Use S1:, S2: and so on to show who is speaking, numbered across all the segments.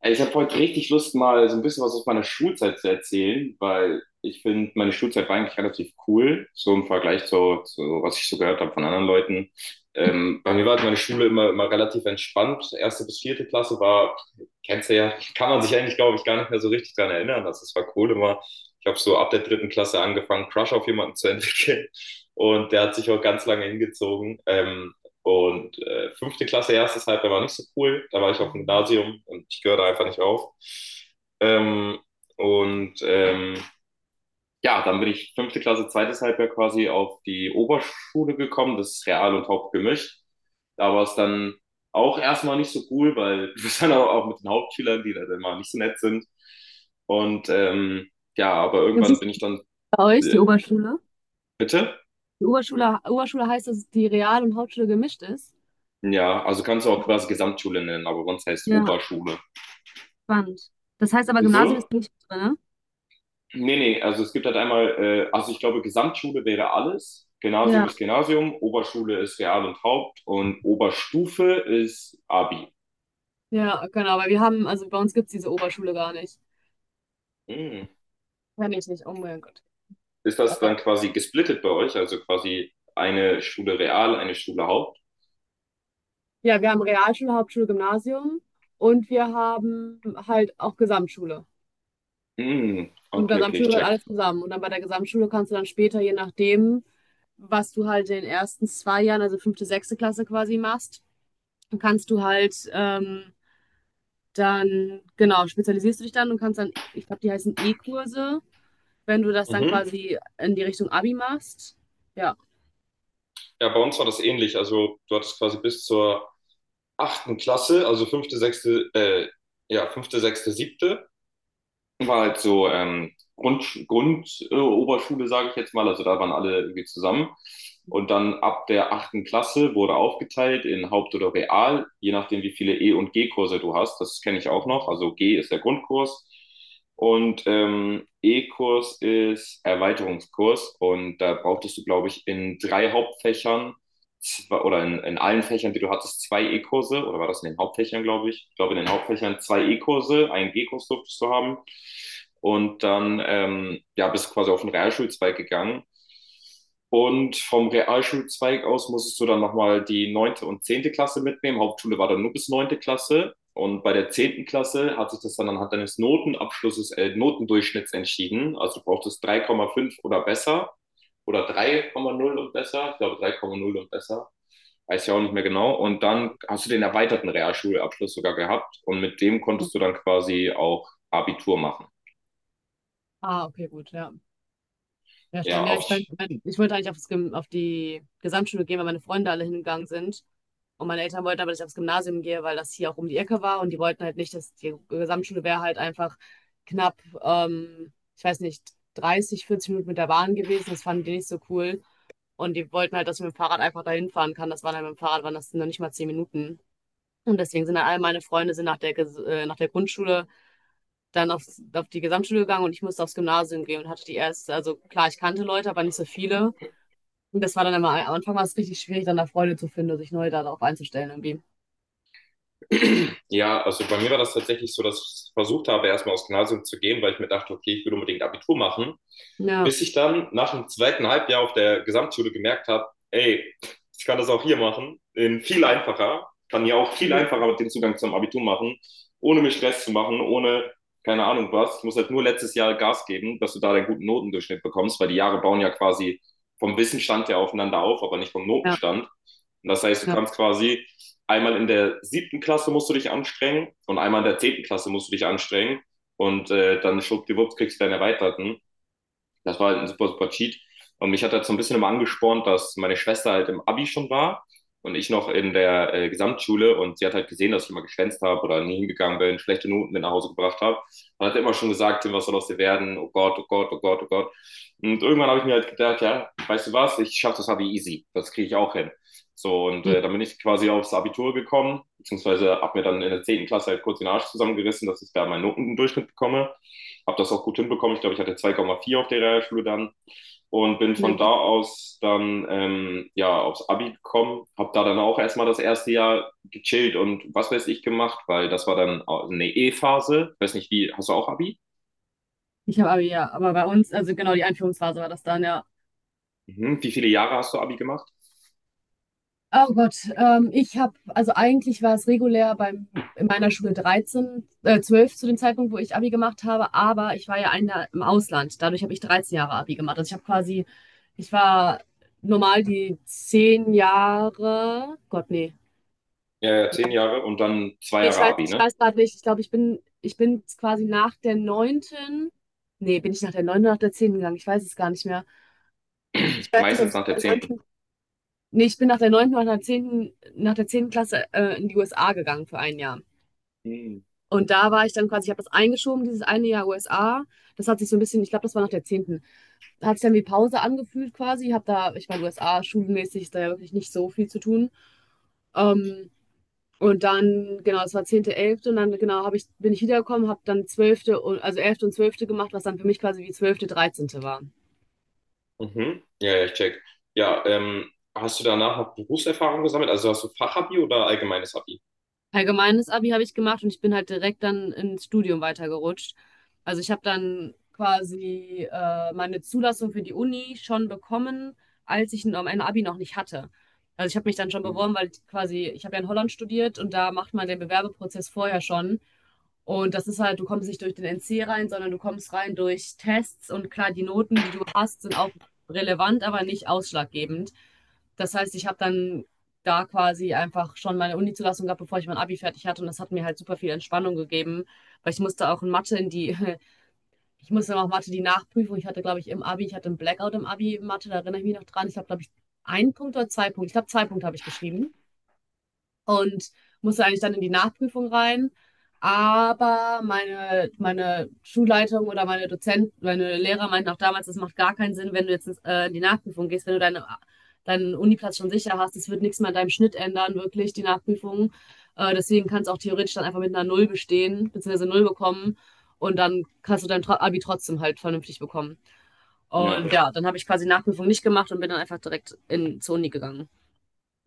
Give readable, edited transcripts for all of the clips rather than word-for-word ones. S1: Ey, ich habe heute richtig Lust, mal so ein bisschen was aus meiner Schulzeit zu erzählen, weil ich finde, meine Schulzeit war eigentlich relativ cool, so im Vergleich zu was ich so gehört habe von anderen Leuten. Bei mir war halt meine Schule immer relativ entspannt. Erste bis vierte Klasse war, kennst du ja, kann man sich eigentlich, glaube ich, gar nicht mehr so richtig dran erinnern, dass es war cool immer. Ich habe so ab der dritten Klasse angefangen, Crush auf jemanden zu entwickeln, und der hat sich auch ganz lange hingezogen. Fünfte Klasse, erstes Halbjahr war nicht so cool. Da war ich auf dem Gymnasium und ich gehöre da einfach nicht auf. Ähm, und ähm, ja, dann bin ich fünfte Klasse, zweites Halbjahr quasi auf die Oberschule gekommen. Das ist Real und Haupt gemischt. Da war es dann auch erstmal nicht so cool, weil du bist dann auch mit den Hauptschülern, die dann mal nicht so nett sind. Und ja, aber
S2: Wie
S1: irgendwann
S2: ist
S1: bin ich dann,
S2: bei euch die Oberschule?
S1: bitte?
S2: Die Oberschule, Oberschule heißt, dass es die Real- und Hauptschule gemischt ist.
S1: Ja, also kannst du auch quasi Gesamtschule nennen, aber sonst heißt es
S2: Ja,
S1: Oberschule.
S2: spannend. Das heißt aber, Gymnasium
S1: Wieso?
S2: ist nicht drin, ne?
S1: Nee, nee, also es gibt halt einmal, also ich glaube, Gesamtschule wäre alles. Gymnasium
S2: Ja.
S1: ist Gymnasium, Oberschule ist Real und Haupt und Oberstufe ist Abi.
S2: Ja, genau, weil wir haben, also bei uns gibt es diese Oberschule gar nicht.
S1: Hm.
S2: Kenn ich nicht, oh mein Gott.
S1: Ist das
S2: Äh,
S1: dann quasi gesplittet bei euch? Also quasi eine Schule Real, eine Schule Haupt?
S2: Ja, wir haben Realschule, Hauptschule, Gymnasium und wir haben halt auch Gesamtschule.
S1: Hm.
S2: Und
S1: Okay, okay, ich
S2: Gesamtschule gehört
S1: check.
S2: alles zusammen. Und dann bei der Gesamtschule kannst du dann später, je nachdem, was du halt in den ersten zwei Jahren, also fünfte, sechste Klasse quasi machst, dann kannst du halt dann, genau, spezialisierst du dich dann und kannst dann, ich glaube, die heißen E-Kurse, wenn du das dann
S1: Mhm.
S2: quasi in die Richtung Abi machst. Ja.
S1: Ja, bei uns war das ähnlich. Also du hattest quasi bis zur achten Klasse, also fünfte, sechste, siebte. War halt so Grund Oberschule, sage ich jetzt mal. Also da waren alle irgendwie zusammen. Und dann ab der achten Klasse wurde aufgeteilt in Haupt- oder Real, je nachdem, wie viele E- und G-Kurse du hast. Das kenne ich auch noch. Also G ist der Grundkurs und E-Kurs ist Erweiterungskurs. Und da brauchtest du, glaube ich, in drei Hauptfächern zwei- oder in allen Fächern, die du hattest, zwei E-Kurse, oder war das in den Hauptfächern, glaube ich? Ich glaube, in den Hauptfächern zwei E-Kurse, einen G-Kurs durftest du haben. Und dann ja, bist du quasi auf den Realschulzweig gegangen. Und vom Realschulzweig aus musstest du dann nochmal die neunte und zehnte Klasse mitnehmen. Hauptschule war dann nur bis neunte Klasse. Und bei der zehnten Klasse hat sich das dann anhand deines Notendurchschnitts entschieden. Also du brauchtest drei Komma fünf oder besser oder drei Komma null und besser. Ich glaube drei Komma null und besser, weiß ja auch nicht mehr genau. Und dann hast du den erweiterten Realschulabschluss sogar gehabt und mit dem konntest du dann quasi auch Abitur machen.
S2: Ah, okay, gut, ja. Ja,
S1: Ja,
S2: spannend. Ja,
S1: auf,
S2: ich wollte eigentlich auf die Gesamtschule gehen, weil meine Freunde alle hingegangen sind. Und meine Eltern wollten aber, dass ich aufs Gymnasium gehe, weil das hier auch um die Ecke war. Und die wollten halt nicht, dass die Gesamtschule wäre halt einfach knapp, ich weiß nicht, 30, 40 Minuten mit der Bahn gewesen. Das fanden die nicht so cool. Und die wollten halt, dass ich mit dem Fahrrad einfach dahin fahren kann. Das waren halt mit dem Fahrrad, waren das noch nicht mal zehn Minuten. Und deswegen sind dann all meine Freunde sind nach der, nach der Grundschule dann auf die Gesamtschule gegangen und ich musste aufs Gymnasium gehen und hatte die erste, also klar, ich kannte Leute, aber nicht so viele. Und das war dann immer, am Anfang war es richtig schwierig, dann da Freunde zu finden und sich neu darauf einzustellen irgendwie.
S1: ja, also bei mir war das tatsächlich so, dass ich versucht habe, erstmal aufs Gymnasium zu gehen, weil ich mir dachte, okay, ich will unbedingt Abitur machen.
S2: Ja,
S1: Bis ich dann nach dem zweiten Halbjahr auf der Gesamtschule gemerkt habe, ey, ich kann das auch hier machen, in viel einfacher, kann ja auch viel
S2: mhm.
S1: einfacher den Zugang zum Abitur machen, ohne mir Stress zu machen, ohne keine Ahnung was. Ich muss halt nur letztes Jahr Gas geben, dass du da deinen guten Notendurchschnitt bekommst, weil die Jahre bauen ja quasi vom Wissenstand her aufeinander auf, aber nicht vom
S2: Ja,
S1: Notenstand. Und das heißt, du
S2: ja.
S1: kannst quasi einmal in der siebten Klasse musst du dich anstrengen und einmal in der zehnten Klasse musst du dich anstrengen. Und dann schwuppdiwupps kriegst du deinen Erweiterten. Das war halt ein super, super Cheat. Und mich hat das so ein bisschen immer angespornt, dass meine Schwester halt im Abi schon war und ich noch in der Gesamtschule, und sie hat halt gesehen, dass ich immer geschwänzt habe oder nie hingegangen bin, schlechte Noten mit nach Hause gebracht habe. Und hat immer schon gesagt, Tim, was soll aus dir werden? Oh Gott, oh Gott, oh Gott, oh Gott. Und irgendwann habe ich mir halt gedacht, ja, weißt du was, ich schaffe das Abi easy. Das kriege ich auch hin. So, und
S2: Mhm.
S1: dann bin ich quasi aufs Abitur gekommen, beziehungsweise habe mir dann in der zehnten Klasse halt kurz den Arsch zusammengerissen, dass ich da meinen Notendurchschnitt bekomme, habe das auch gut hinbekommen. Ich glaube, ich hatte 2,4 auf der Realschule dann und bin von
S2: Ne.
S1: da aus dann ja aufs Abi gekommen, habe da dann auch erstmal das erste Jahr gechillt und was weiß ich gemacht, weil das war dann eine E-Phase. Ich weiß nicht, wie hast du auch Abi?
S2: Ich habe Abi, ja, aber bei uns, also genau, die Einführungsphase war das dann, ja.
S1: Mhm. Wie viele Jahre hast du Abi gemacht?
S2: Oh Gott, ich habe, also eigentlich war es regulär in meiner Schule 12 zu dem Zeitpunkt, wo ich Abi gemacht habe, aber ich war ja ein Jahr im Ausland. Dadurch habe ich 13 Jahre Abi gemacht. Also ich habe quasi, ich war normal die 10 Jahre, Gott, nee.
S1: Ja, zehn Jahre und dann zwei
S2: Nee, ich
S1: Jahre
S2: weiß,
S1: Abi,
S2: ich
S1: ne?
S2: weiß gerade nicht, ich glaube, ich bin quasi nach der neunten. Nee, bin ich nach der neunten oder nach der zehnten gegangen? Ich weiß es gar nicht mehr. Ich weiß nicht, ob
S1: Meistens
S2: ich
S1: nach
S2: nach
S1: der
S2: der
S1: zehnten.
S2: 9., nee, ich bin nach der neunten oder nach der zehnten Klasse, in die USA gegangen für ein Jahr.
S1: Mhm.
S2: Und da war ich dann quasi, ich habe das eingeschoben, dieses eine Jahr USA. Das hat sich so ein bisschen, ich glaube, das war nach der zehnten, hat sich dann wie Pause angefühlt quasi. Habe da, ich meine, USA schulmäßig ist da ja wirklich nicht so viel zu tun. Ähm, und dann, genau, es war zehnte, elfte und dann, genau, bin ich wiedergekommen, habe dann also elfte und zwölfte gemacht, was dann für mich quasi wie zwölfte, dreizehnte war.
S1: Mhm. Ja, ja, ich check. Ja, hast du danach noch Berufserfahrung gesammelt? Also hast du Fachabi oder allgemeines Abi?
S2: Allgemeines Abi habe ich gemacht und ich bin halt direkt dann ins Studium weitergerutscht. Also ich habe dann quasi meine Zulassung für die Uni schon bekommen, als ich noch mein Abi noch nicht hatte. Also ich habe mich dann schon
S1: Mhm.
S2: beworben, weil ich quasi, ich habe ja in Holland studiert und da macht man den Bewerbeprozess vorher schon. Und das ist halt, du kommst nicht durch den NC rein, sondern du kommst rein durch Tests und klar, die Noten, die du hast, sind auch relevant, aber nicht ausschlaggebend. Das heißt, ich habe dann da quasi einfach schon meine Uni-Zulassung gab, bevor ich mein Abi fertig hatte. Und das hat mir halt super viel Entspannung gegeben, weil ich musste auch in Mathe in die, ich musste auch Mathe die Nachprüfung. Ich hatte, glaube ich, im Abi, ich hatte einen Blackout im Abi Mathe, da erinnere ich mich noch dran. Ich habe, glaube ich, einen Punkt oder zwei Punkte. Ich glaube, zwei Punkte habe ich geschrieben und musste eigentlich dann in die Nachprüfung rein. Aber meine Schulleitung oder meine Dozent, meine Lehrer meinten auch damals, das macht gar keinen Sinn, wenn du jetzt in die Nachprüfung gehst, wenn du deinen Uniplatz schon sicher hast. Das wird nichts mehr an deinem Schnitt ändern, wirklich, die Nachprüfung. Deswegen kannst du auch theoretisch dann einfach mit einer Null bestehen, beziehungsweise Null bekommen. Und dann kannst du dein Abi trotzdem halt vernünftig bekommen. Und
S1: Ja.
S2: ja, dann habe ich quasi Nachprüfung nicht gemacht und bin dann einfach direkt zur Uni gegangen.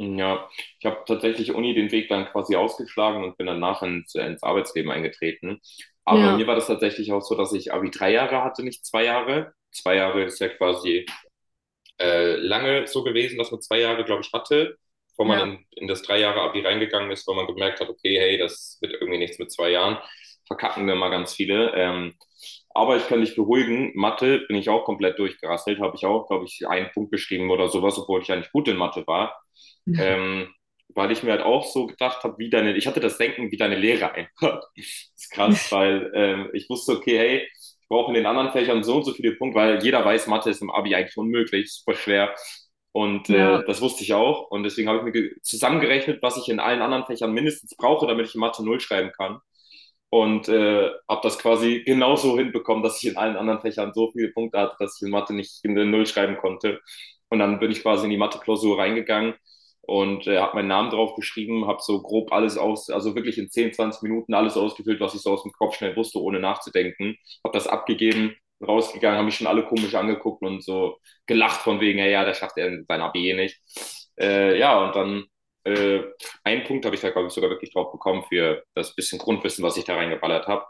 S1: Ja, ich habe tatsächlich Uni den Weg dann quasi ausgeschlagen und bin danach ins Arbeitsleben eingetreten. Aber
S2: Ja,
S1: mir war das tatsächlich auch so, dass ich Abi drei Jahre hatte, nicht zwei Jahre. Zwei Jahre ist ja quasi lange so gewesen, dass man zwei Jahre, glaube ich, hatte, bevor man
S2: ja,
S1: in das drei Jahre Abi reingegangen ist, weil man gemerkt hat, okay, hey, das wird irgendwie nichts mit zwei Jahren. Verkacken wir mal ganz viele. Aber ich kann dich beruhigen, Mathe bin ich auch komplett durchgerasselt, habe ich auch, glaube ich, einen Punkt geschrieben oder sowas, obwohl ich eigentlich gut in Mathe war, ähm, weil ich mir halt auch so gedacht habe, wie deine, ich hatte das Denken, wie deine Lehre einfach. Ist krass, weil ich wusste, okay, hey, ich brauche in den anderen Fächern so und so viele Punkte, weil jeder weiß, Mathe ist im Abi eigentlich unmöglich, super schwer. Und
S2: ja.
S1: das wusste ich auch. Und deswegen habe ich mir zusammengerechnet, was ich in allen anderen Fächern mindestens brauche, damit ich in Mathe null schreiben kann. Und habe das quasi genauso hinbekommen, dass ich in allen anderen Fächern so viele Punkte hatte, dass ich in Mathe nicht in der Null schreiben konnte. Und dann bin ich quasi in die Mathe-Klausur reingegangen und habe meinen Namen drauf geschrieben, habe so grob alles aus, also wirklich in 10, 20 Minuten alles ausgefüllt, was ich so aus dem Kopf schnell wusste, ohne nachzudenken. Habe das abgegeben, rausgegangen, haben mich schon alle komisch angeguckt und so gelacht von wegen, ja, ja, der schafft er sein A B nicht. Ja, und dann äh, einen Punkt habe ich da, glaube ich, sogar wirklich drauf bekommen für das bisschen Grundwissen, was ich da reingeballert habe.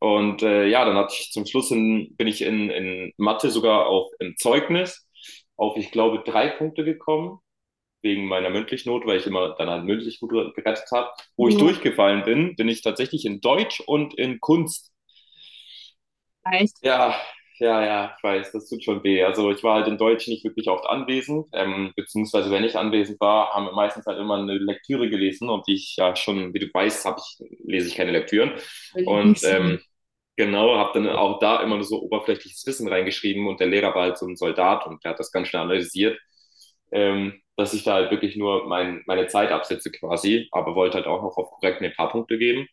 S1: Und ja, dann hatte ich zum Schluss bin ich in Mathe sogar auch im Zeugnis auf, ich glaube, drei Punkte gekommen wegen meiner mündlichen Note, weil ich immer dann halt mündlich gut gerettet habe, wo ich
S2: Ja.
S1: durchgefallen bin, bin ich tatsächlich in Deutsch und in Kunst,
S2: Echt?
S1: ja, ja, ja, ich weiß, das tut schon weh. Also ich war halt in Deutsch nicht wirklich oft anwesend, beziehungsweise wenn ich anwesend war, haben wir meistens halt immer eine Lektüre gelesen, und die ich ja schon, wie du weißt, lese ich keine Lektüren.
S2: Mein
S1: Und
S2: Lieblingsfach.
S1: genau, habe dann auch da immer nur so oberflächliches Wissen reingeschrieben, und der Lehrer war halt so ein Soldat und der hat das ganz schnell analysiert, dass ich da halt wirklich nur meine Zeit absetze quasi, aber wollte halt auch noch auf korrekt mir ein paar Punkte geben.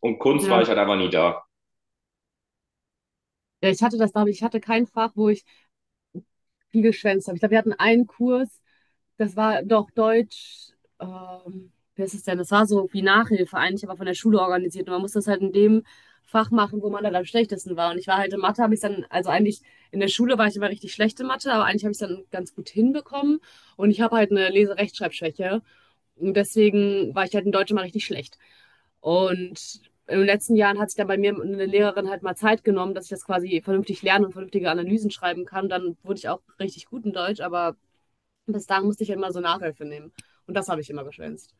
S1: Und Kunst war ich
S2: Ja.
S1: halt einfach nie da.
S2: Ja, ich hatte das, glaube ich, ich hatte kein Fach, wo ich viel geschwänzt habe. Ich glaube, wir hatten einen Kurs, das war doch Deutsch, wie ist es denn? Das war so wie Nachhilfe eigentlich, aber von der Schule organisiert. Und man musste das halt in dem Fach machen, wo man dann am schlechtesten war. Und ich war halt in Mathe, habe ich dann, also eigentlich in der Schule war ich immer richtig schlechte Mathe, aber eigentlich habe ich es dann ganz gut hinbekommen. Und ich habe halt eine Lese-Rechtschreibschwäche. Und deswegen war ich halt in Deutsch immer richtig schlecht. Und in den letzten Jahren hat sich dann bei mir eine Lehrerin halt mal Zeit genommen, dass ich das quasi vernünftig lerne und vernünftige Analysen schreiben kann. Dann wurde ich auch richtig gut in Deutsch, aber bis dahin musste ich halt immer so Nachhilfe nehmen. Und das habe ich immer geschwänzt.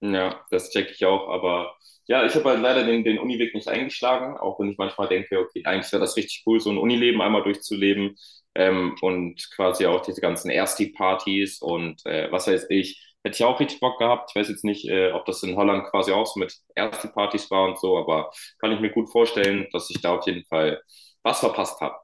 S1: Ja, das checke ich auch, aber ja, ich habe halt leider den Uniweg nicht eingeschlagen, auch wenn ich manchmal denke, okay, eigentlich wäre das richtig cool, so ein Unileben einmal durchzuleben, und quasi auch diese ganzen Ersti-Partys und was weiß ich, hätte ich auch richtig Bock gehabt. Ich weiß jetzt nicht, ob das in Holland quasi auch so mit Ersti-Partys war und so, aber kann ich mir gut vorstellen, dass ich da auf jeden Fall was verpasst habe.